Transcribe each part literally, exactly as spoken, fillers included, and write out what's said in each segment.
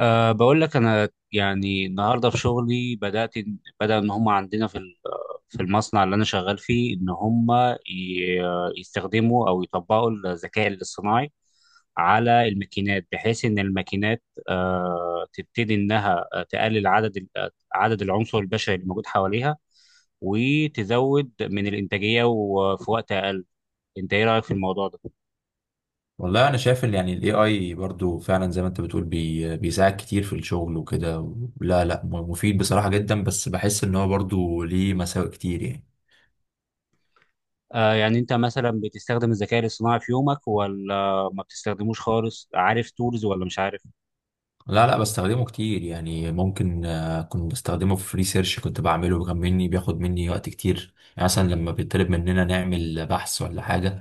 أه بقول لك أنا يعني النهاردة في شغلي بدأت بدأ إن هم عندنا في ال- في المصنع اللي أنا شغال فيه إن هم ي- يستخدموا أو يطبقوا الذكاء الاصطناعي على الماكينات بحيث إن الماكينات أه تبتدي إنها تقلل عدد ال- عدد العنصر البشري اللي موجود حواليها وتزود من الإنتاجية وفي وقت أقل. أنت إيه رأيك في الموضوع ده؟ والله انا شايف ان يعني الاي اي برضو فعلا زي ما انت بتقول بي بيساعد كتير في الشغل وكده. لا لا، م- مفيد بصراحة جدا، بس بحس ان هو برضو ليه مساوئ كتير يعني. آه، يعني انت مثلا بتستخدم الذكاء الاصطناعي في يومك ولا ما بتستخدموش خالص، عارف تولز ولا مش عارف؟ لا لا بستخدمه كتير يعني، ممكن آه، كنت بستخدمه في ريسيرش كنت بعمله، كان مني بياخد مني وقت كتير يعني مثلا لما بيطلب مننا نعمل بحث ولا حاجة.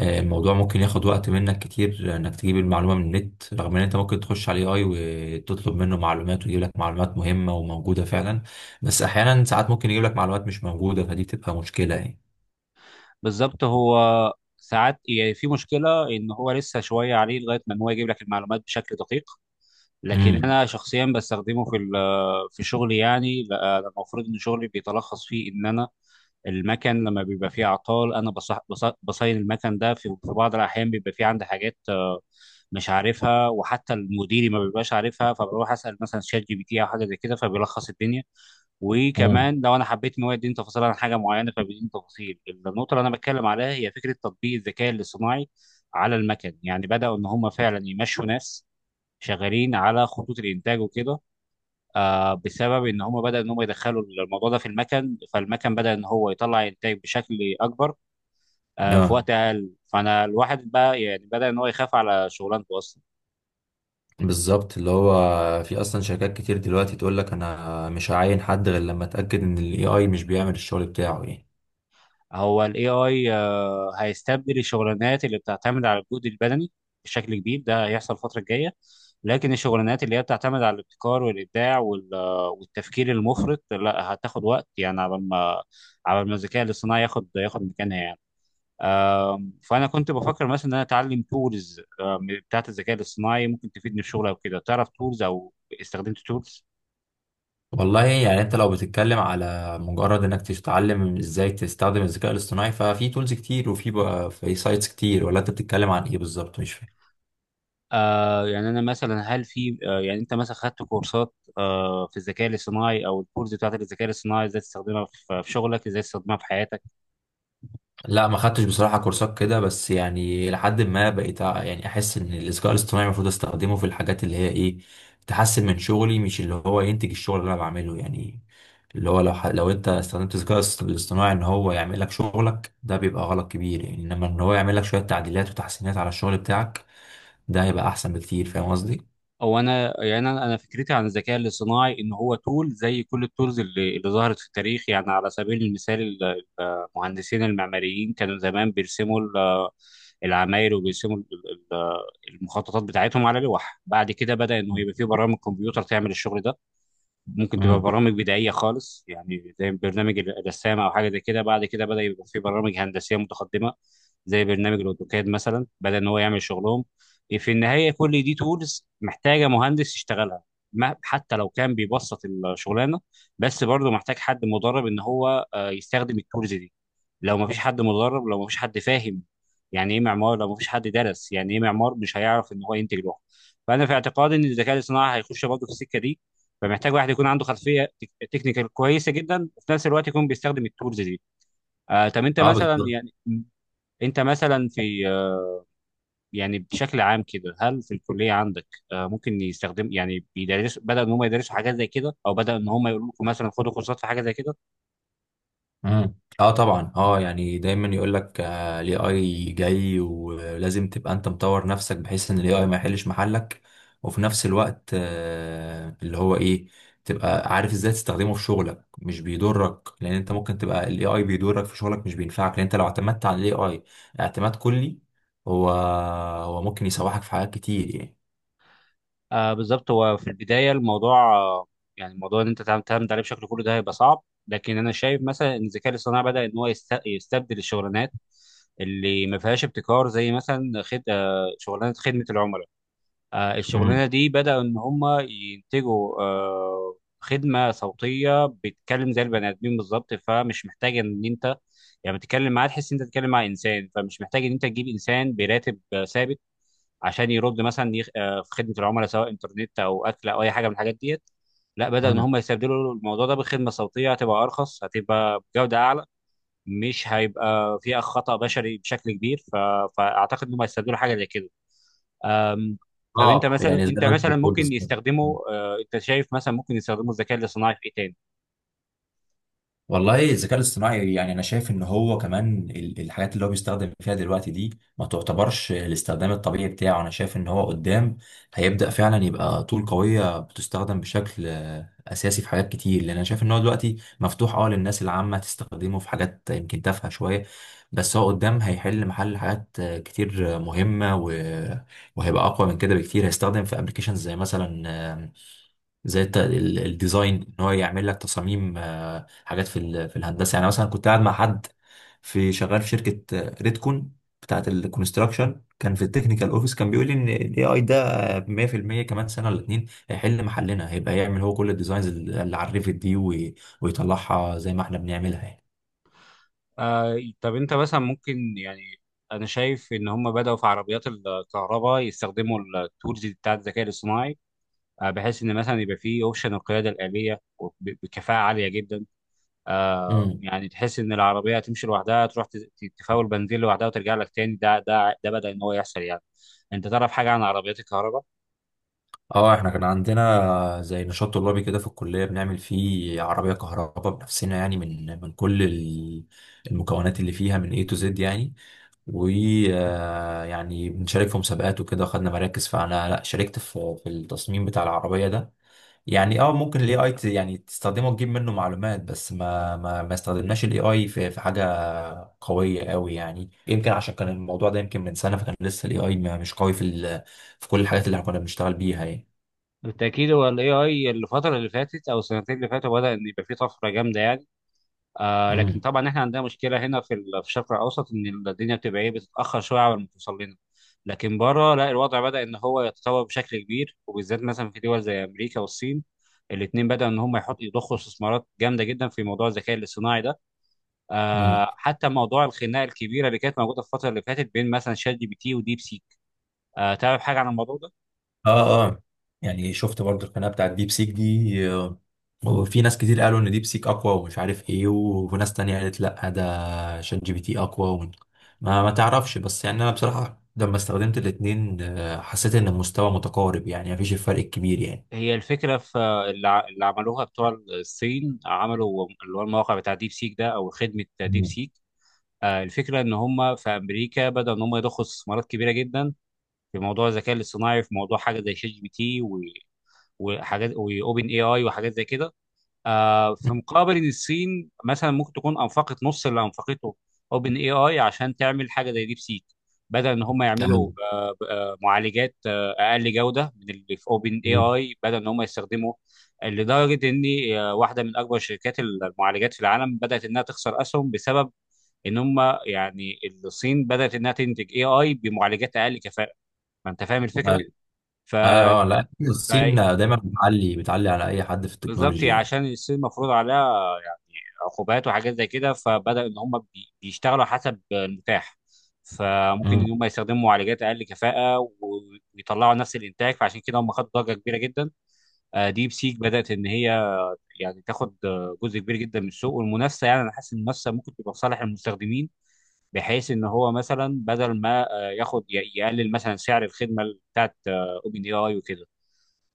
آه، الموضوع ممكن ياخد وقت منك كتير انك تجيب المعلومة من النت، رغم ان انت ممكن تخش على اي وتطلب منه معلومات ويجيب لك معلومات مهمة وموجودة فعلا. بس احيانا ساعات ممكن يجيب لك معلومات مش موجودة، فدي بتبقى مشكلة يعني. بالظبط. هو ساعات يعني في مشكلة ان هو لسه شوية عليه لغاية ما ان هو يجيب لك المعلومات بشكل دقيق، لكن امم. انا شخصيا بستخدمه في ال- آه، في شغلي يعني. لا- أنا المفروض ان شغلي بيتلخص فيه ان انا المكن لما بيبقى فيه اعطال انا بصح بص- بصين المكن ده في في بعض الاحيان بيبقى فيه عندي حاجات مش عارفها وحتى المديري ما بيبقاش عارفها، فبروح اسال مثلا شات جي بي تي او حاجه زي كده فبيلخص الدنيا. امم. وكمان لو انا حبيت ان هو يديني تفاصيل عن حاجه معينه فبيديني تفاصيل. النقطه اللي انا بتكلم عليها هي فكره تطبيق الذكاء الاصطناعي على المكن يعني، بداوا ان هم فعلا يمشوا ناس شغالين على خطوط الانتاج وكده. آه بسبب ان هم بدأ ان هم يدخلوا الموضوع ده في المكن فالمكن بدأ ان هو يطلع انتاج بشكل اكبر آه في آه. وقت اقل، فانا الواحد بقى يعني بدأ ان هو يخاف على شغلانته اصلا. بالظبط، اللي هو في اصلا شركات كتير دلوقتي تقول لك انا مش هعين حد غير لما اتاكد ان الاي اي مش بيعمل الشغل بتاعه يعني. هو ال إيه آي آه، هيستبدل الشغلانات اللي بتعتمد على الجهد البدني بشكل كبير، ده هيحصل الفترة الجاية. لكن الشغلانات اللي هي بتعتمد على الابتكار والإبداع وال- آه، والتفكير المفرط لا، هتاخد وقت يعني على ما على ما الذكاء الاصطناعي ياخد ياخد مكانها يعني. آم، فأنا كنت بفكر مثلا إن أنا أتعلم تولز بتاعت الذكاء الاصطناعي، ممكن تفيدني في الشغل أو كده. تعرف تولز أو استخدمت تولز؟ والله يعني انت لو بتتكلم على مجرد انك تتعلم ازاي تستخدم الذكاء الاصطناعي، ففي تولز كتير وفي بقى في سايتس كتير، ولا انت بتتكلم عن ايه بالظبط؟ مش فاهم. آه يعني انا مثلا، هل في آه يعني انت مثلا خدت كورسات آه في الذكاء الاصطناعي او الكورس بتاعتك الذكاء الاصطناعي ازاي تستخدمها في في شغلك ازاي تستخدمها في حياتك؟ لا، ما خدتش بصراحة كورسات كده، بس يعني لحد ما بقيت أع- يعني احس ان الذكاء الاصطناعي المفروض استخدمه في الحاجات اللي هي ايه، تحسن من شغلي مش اللي هو ينتج الشغل اللي انا بعمله يعني. اللي هو لو ح... لو انت استخدمت الذكاء الاصط- الاصطناعي ان هو يعمل لك شغلك، ده بيبقى غلط كبير يعني، انما ان هو يعمل لك شوية تعديلات وتحسينات على الشغل بتاعك، ده هيبقى احسن بكتير. فاهم قصدي؟ او انا يعني انا أنا فكرتي عن الذكاء الاصطناعي ان هو تول زي كل التولز اللي, اللي ظهرت في التاريخ، يعني على سبيل المثال ال- المهندسين المعماريين كانوا زمان بيرسموا ال- العماير وبيرسموا ال- ال- المخططات بتاعتهم على لوح، بعد كده بدأ انه يبقى في برامج كمبيوتر تعمل الشغل ده. ممكن تبقى امم. برامج بدائية خالص يعني زي برنامج الرسام أو حاجة زي كده، بعد كده بدأ يبقى في برامج هندسية متقدمة زي برنامج الأوتوكاد مثلا بدأ إن هو يعمل شغلهم. إيه، في النهاية كل دي تولز محتاجة مهندس يشتغلها، ما حتى لو كان بيبسط الشغلانة، بس برضه محتاج حد مدرب إن هو آه، يستخدم التولز دي. لو ما فيش حد مدرب، لو ما فيش حد فاهم يعني إيه معمار، لو ما فيش حد درس يعني إيه معمار، مش هيعرف إن هو ينتج لوحده. فأنا في اعتقادي إن الذكاء الاصطناعي هيخش برضه في السكة دي، فمحتاج واحد يكون عنده خلفيه تك- تكنيكال كويسه جدا وفي نفس الوقت يكون بيستخدم التولز دي. آه طب انت اه مثلا بالظبط. يعني، انت مثلا في آه، يعني بشكل عام كده، هل في الكليه عندك آه ممكن يستخدم يعني بيدرسوا، بدأوا ان هم يدرسوا حاجات زي كده او بدأوا ان هم يقولوا لكم مثلا خدوا كورسات في حاجه زي كده؟ امم. اه طبعا، اه يعني دايما يقول لك الاي اي جاي ولازم تبقى انت مطور نفسك بحيث ان الاي اي ما يحلش محلك، وفي نفس الوقت آه اللي هو ايه، تبقى عارف ازاي تستخدمه في شغلك، مش بيضرك، لان انت ممكن تبقى الاي اي بيضرك في شغلك مش بينفعك، لان انت لو اعتمدت على الاي اي اعتماد كلي، هو، هو ممكن يسوحك في حاجات كتير يعني. آه بالظبط. هو في البدايه الموضوع آه يعني الموضوع ان انت تعم- تعتمد عليه بشكل كله ده هيبقى صعب، لكن انا شايف مثلا ان الذكاء الاصطناعي بدأ ان هو يست- يستبدل الشغلانات اللي ما فيهاش ابتكار، زي مثلا خد... آه، شغلانه خدمه العملاء. آه، امم. الشغلانه دي بداوا ان هم ينتجوا آه، خدمه صوتيه بتتكلم زي البني ادمين بالظبط، فمش محتاج ان انت يعني بتتكلم معاه تحس ان انت بتتكلم مع انسان، فمش محتاج ان انت تجيب انسان براتب آه، ثابت عشان يرد مثلا، يخ- آه، في خدمه العملاء سواء انترنت او اكل او اي حاجه من الحاجات ديت، لا، بدأ ان امم. هم يستبدلوا الموضوع ده بخدمه صوتيه هتبقى ارخص، هتبقى بجوده اعلى، مش هيبقى فيها خطأ بشري بشكل كبير. ف... فاعتقد ان هم هيستبدلوا حاجه زي كده. طب انت اه، مثلا، يعني زي انت ما انت مثلا بتقول ممكن بالظبط. يستخدمه، آه، انت شايف مثلا ممكن يستخدموا الذكاء الاصطناعي في ايه تاني؟ والله الذكاء الاصطناعي يعني انا شايف ان هو كمان ال- الحاجات اللي هو بيستخدم فيها دلوقتي دي ما تعتبرش الاستخدام الطبيعي بتاعه. انا شايف ان هو قدام هيبدأ فعلا يبقى طول قوية بتستخدم بشكل آه، اساسي في حاجات كتير، لان انا شايف ان هو دلوقتي مفتوح اه للناس العامة تستخدمه في حاجات يمكن تافهة شوية. بس هو قدام هيحل محل حاجات آه، كتير آه، مهمة و... وهيبقى اقوى من كده بكتير، هيستخدم في ابلكيشنز زي مثلا زي الت- ال- الديزاين، ان هو يعمل لك تصاميم آه، حاجات في ال- في الهندسه، يعني مثلا كنت قاعد مع حد في شغال في شركه آه، ريدكون بتاعت الكونستراكشن، كان في التكنيكال اوفيس، كان بيقول لي ان الاي اي ده آه، مية في المية كمان سنه ولا اتنين هيحل محلنا، هيبقى يعمل هو كل الديزاينز اللي اللي على الريفت دي وي- ويطلعها زي ما احنا بنعملها يعني. آه، طب انت مثلا ممكن يعني، انا شايف ان هم بدأوا في عربيات الكهرباء يستخدموا التولز بتاعت الذكاء الاصطناعي، آه، بحيث ان مثلا يبقى فيه اوبشن القيادة الآلية وب- بكفاءة عالية جدا. آه، امم. يعني تحس ان العربية تمشي لوحدها، تروح ت- ت- تفاول بنزين لوحدها وترجع لك تاني، ده ده ده بدأ ان هو يحصل يعني. انت تعرف حاجة عن عربيات الكهرباء؟ اه، احنا كان عندنا زي نشاط طلابي كده في الكليه، بنعمل فيه عربيه كهرباء بنفسنا، يعني من من كل ال- المكونات اللي فيها من A to Z يعني. ويعني بنشارك في مسابقات وكده، خدنا مراكز. فانا لا، شاركت في في التصميم بتاع العربيه ده. يعني اه ممكن الاي اي يعني تستخدمه تجيب منه معلومات، بس ما ما ما استخدمناش الاي اي في في حاجه قويه قوي يعني، يمكن عشان كان الموضوع ده يمكن من سنه، فكان لسه الاي اي مش قوي في ال- في كل الحاجات اللي احنا كنا بنشتغل بيها يعني. بالتأكيد. هو ال إيه آي الفترة اللي فاتت أو السنتين اللي فاتوا بدأ إن يبقى فيه طفرة جامدة يعني. آه لكن امم. طبعا إحنا عندنا مشكلة هنا في ال- في الشرق الأوسط، إن الدنيا بتبقى إيه، بتتأخر شوية على ما توصل لنا، لكن بره لا، الوضع بدأ إن هو يتطور بشكل كبير، وبالذات مثلا في دول زي أمريكا والصين. الاتنين بدأوا إن هم يحطوا يضخوا استثمارات جامدة جدا في موضوع الذكاء الاصطناعي ده. امم. آه حتى موضوع الخناقة الكبيرة اللي كانت موجودة في الفترة اللي فاتت بين مثلا شات جي بي تي وديب سيك، آه تعرف حاجة عن الموضوع ده؟ اه. اه، يعني شفت برضه القناه بتاعت ديب سيك دي آه، وفي ناس كتير قالوا ان ديب سيك اقوى ومش عارف ايه و- وناس تانية قالت لا، ده شات جي بي تي اقوى و... ما ما تعرفش، بس يعني انا بصراحه لما استخدمت الاتنين آه، حسيت ان المستوى متقارب يعني، مفيش الفرق الكبير يعني. هي الفكرة في اللي ع- اللي عملوها بتوع الصين، عملوا اللي هو الموقع بتاع ديب سيك ده أو خدمة ديب مم. سيك. آه، الفكرة إن هم في أمريكا بدأوا إن هم يضخوا استثمارات كبيرة جدا في موضوع الذكاء الاصطناعي، في موضوع حاجة زي شات جي بي تي و- وحاجات وأوبن اي آي وحاجات زي كده، آه، في مقابل ان الصين مثلا ممكن تكون انفقت نص اللي انفقته اوبن اي اي عشان تعمل حاجه زي ديب سيك. بدل ان هم يعملوا ايوه. آه، آه، معالجات آه، اقل جوده من اللي في اوبن اي مم. اي، بدل ان هم يستخدموا، لدرجه ان آه، واحده من اكبر شركات المعالجات في العالم بدات انها تخسر اسهم بسبب ان هم يعني الصين بدات انها تنتج اي اي بمعالجات اقل كفاءه. ما انت فاهم الفكره. ايوه. ف ايوه، لا الصين دايما بتعلي بتعلي على اي حد في بالظبط. التكنولوجيا يعني يعني. عشان الصين مفروض عليها يعني عقوبات وحاجات زي كده، فبدأ ان هم بي- بيشتغلوا حسب المتاح، فممكن امم. ان هم يستخدموا معالجات اقل كفاءة و- ويطلعوا نفس الانتاج. فعشان كده هم خدوا ضجة كبيرة جدا. آه، ديب سيك بدأت ان هي يعني تاخد آه، جزء كبير جدا من السوق. والمنافسة يعني انا حاسس ان المنافسة ممكن تبقى في صالح المستخدمين، بحيث ان هو مثلا بدل ما آه، ياخد ي- يقلل مثلا سعر الخدمة بتاعت اوبن اي اي وكده.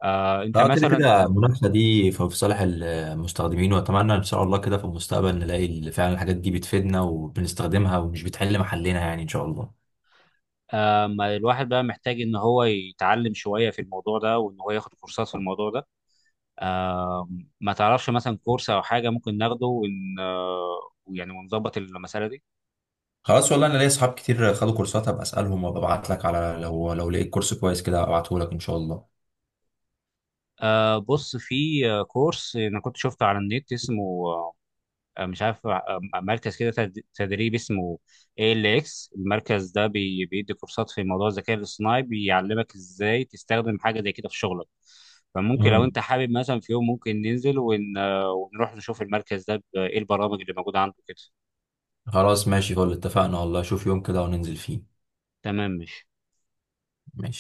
آه، انت اه، كده مثلا كده المنافسه دي في في صالح المستخدمين، واتمنى ان شاء الله كده في المستقبل نلاقي فعلا الحاجات دي بتفيدنا وبنستخدمها ومش بتحل محلنا يعني، ان شاء الله. آه، ما الواحد بقى محتاج ان هو يتعلم شويه في الموضوع ده وان هو ياخد كورسات في الموضوع ده. آه، ما تعرفش مثلا كورس او حاجه ممكن ناخده ون آه، يعني ونظبط المساله دي؟ خلاص، والله انا ليا اصحاب كتير خدوا كورسات، هبقى اسالهم وابعت لك على، لو لو لقيت كورس كويس كده ابعته لك ان شاء الله. آه، بص، في آه، كورس انا كنت شفته على النت اسمه، آه، مش عارف، آه، آه، مركز كده تد- تدريب اسمه A L X. المركز ده بي- بيدي كورسات في موضوع الذكاء الاصطناعي، بيعلمك ازاي تستخدم حاجة زي كده في شغلك. فممكن لو امم. انت حابب مثلا في يوم ممكن ننزل، ون... آه، ونروح نشوف المركز ده ب- ايه البرامج اللي موجودة عنده كده. خلاص ماشي، فل اتفقنا والله، شوف يوم كده وننزل فيه. تمام، ماشي. ماشي.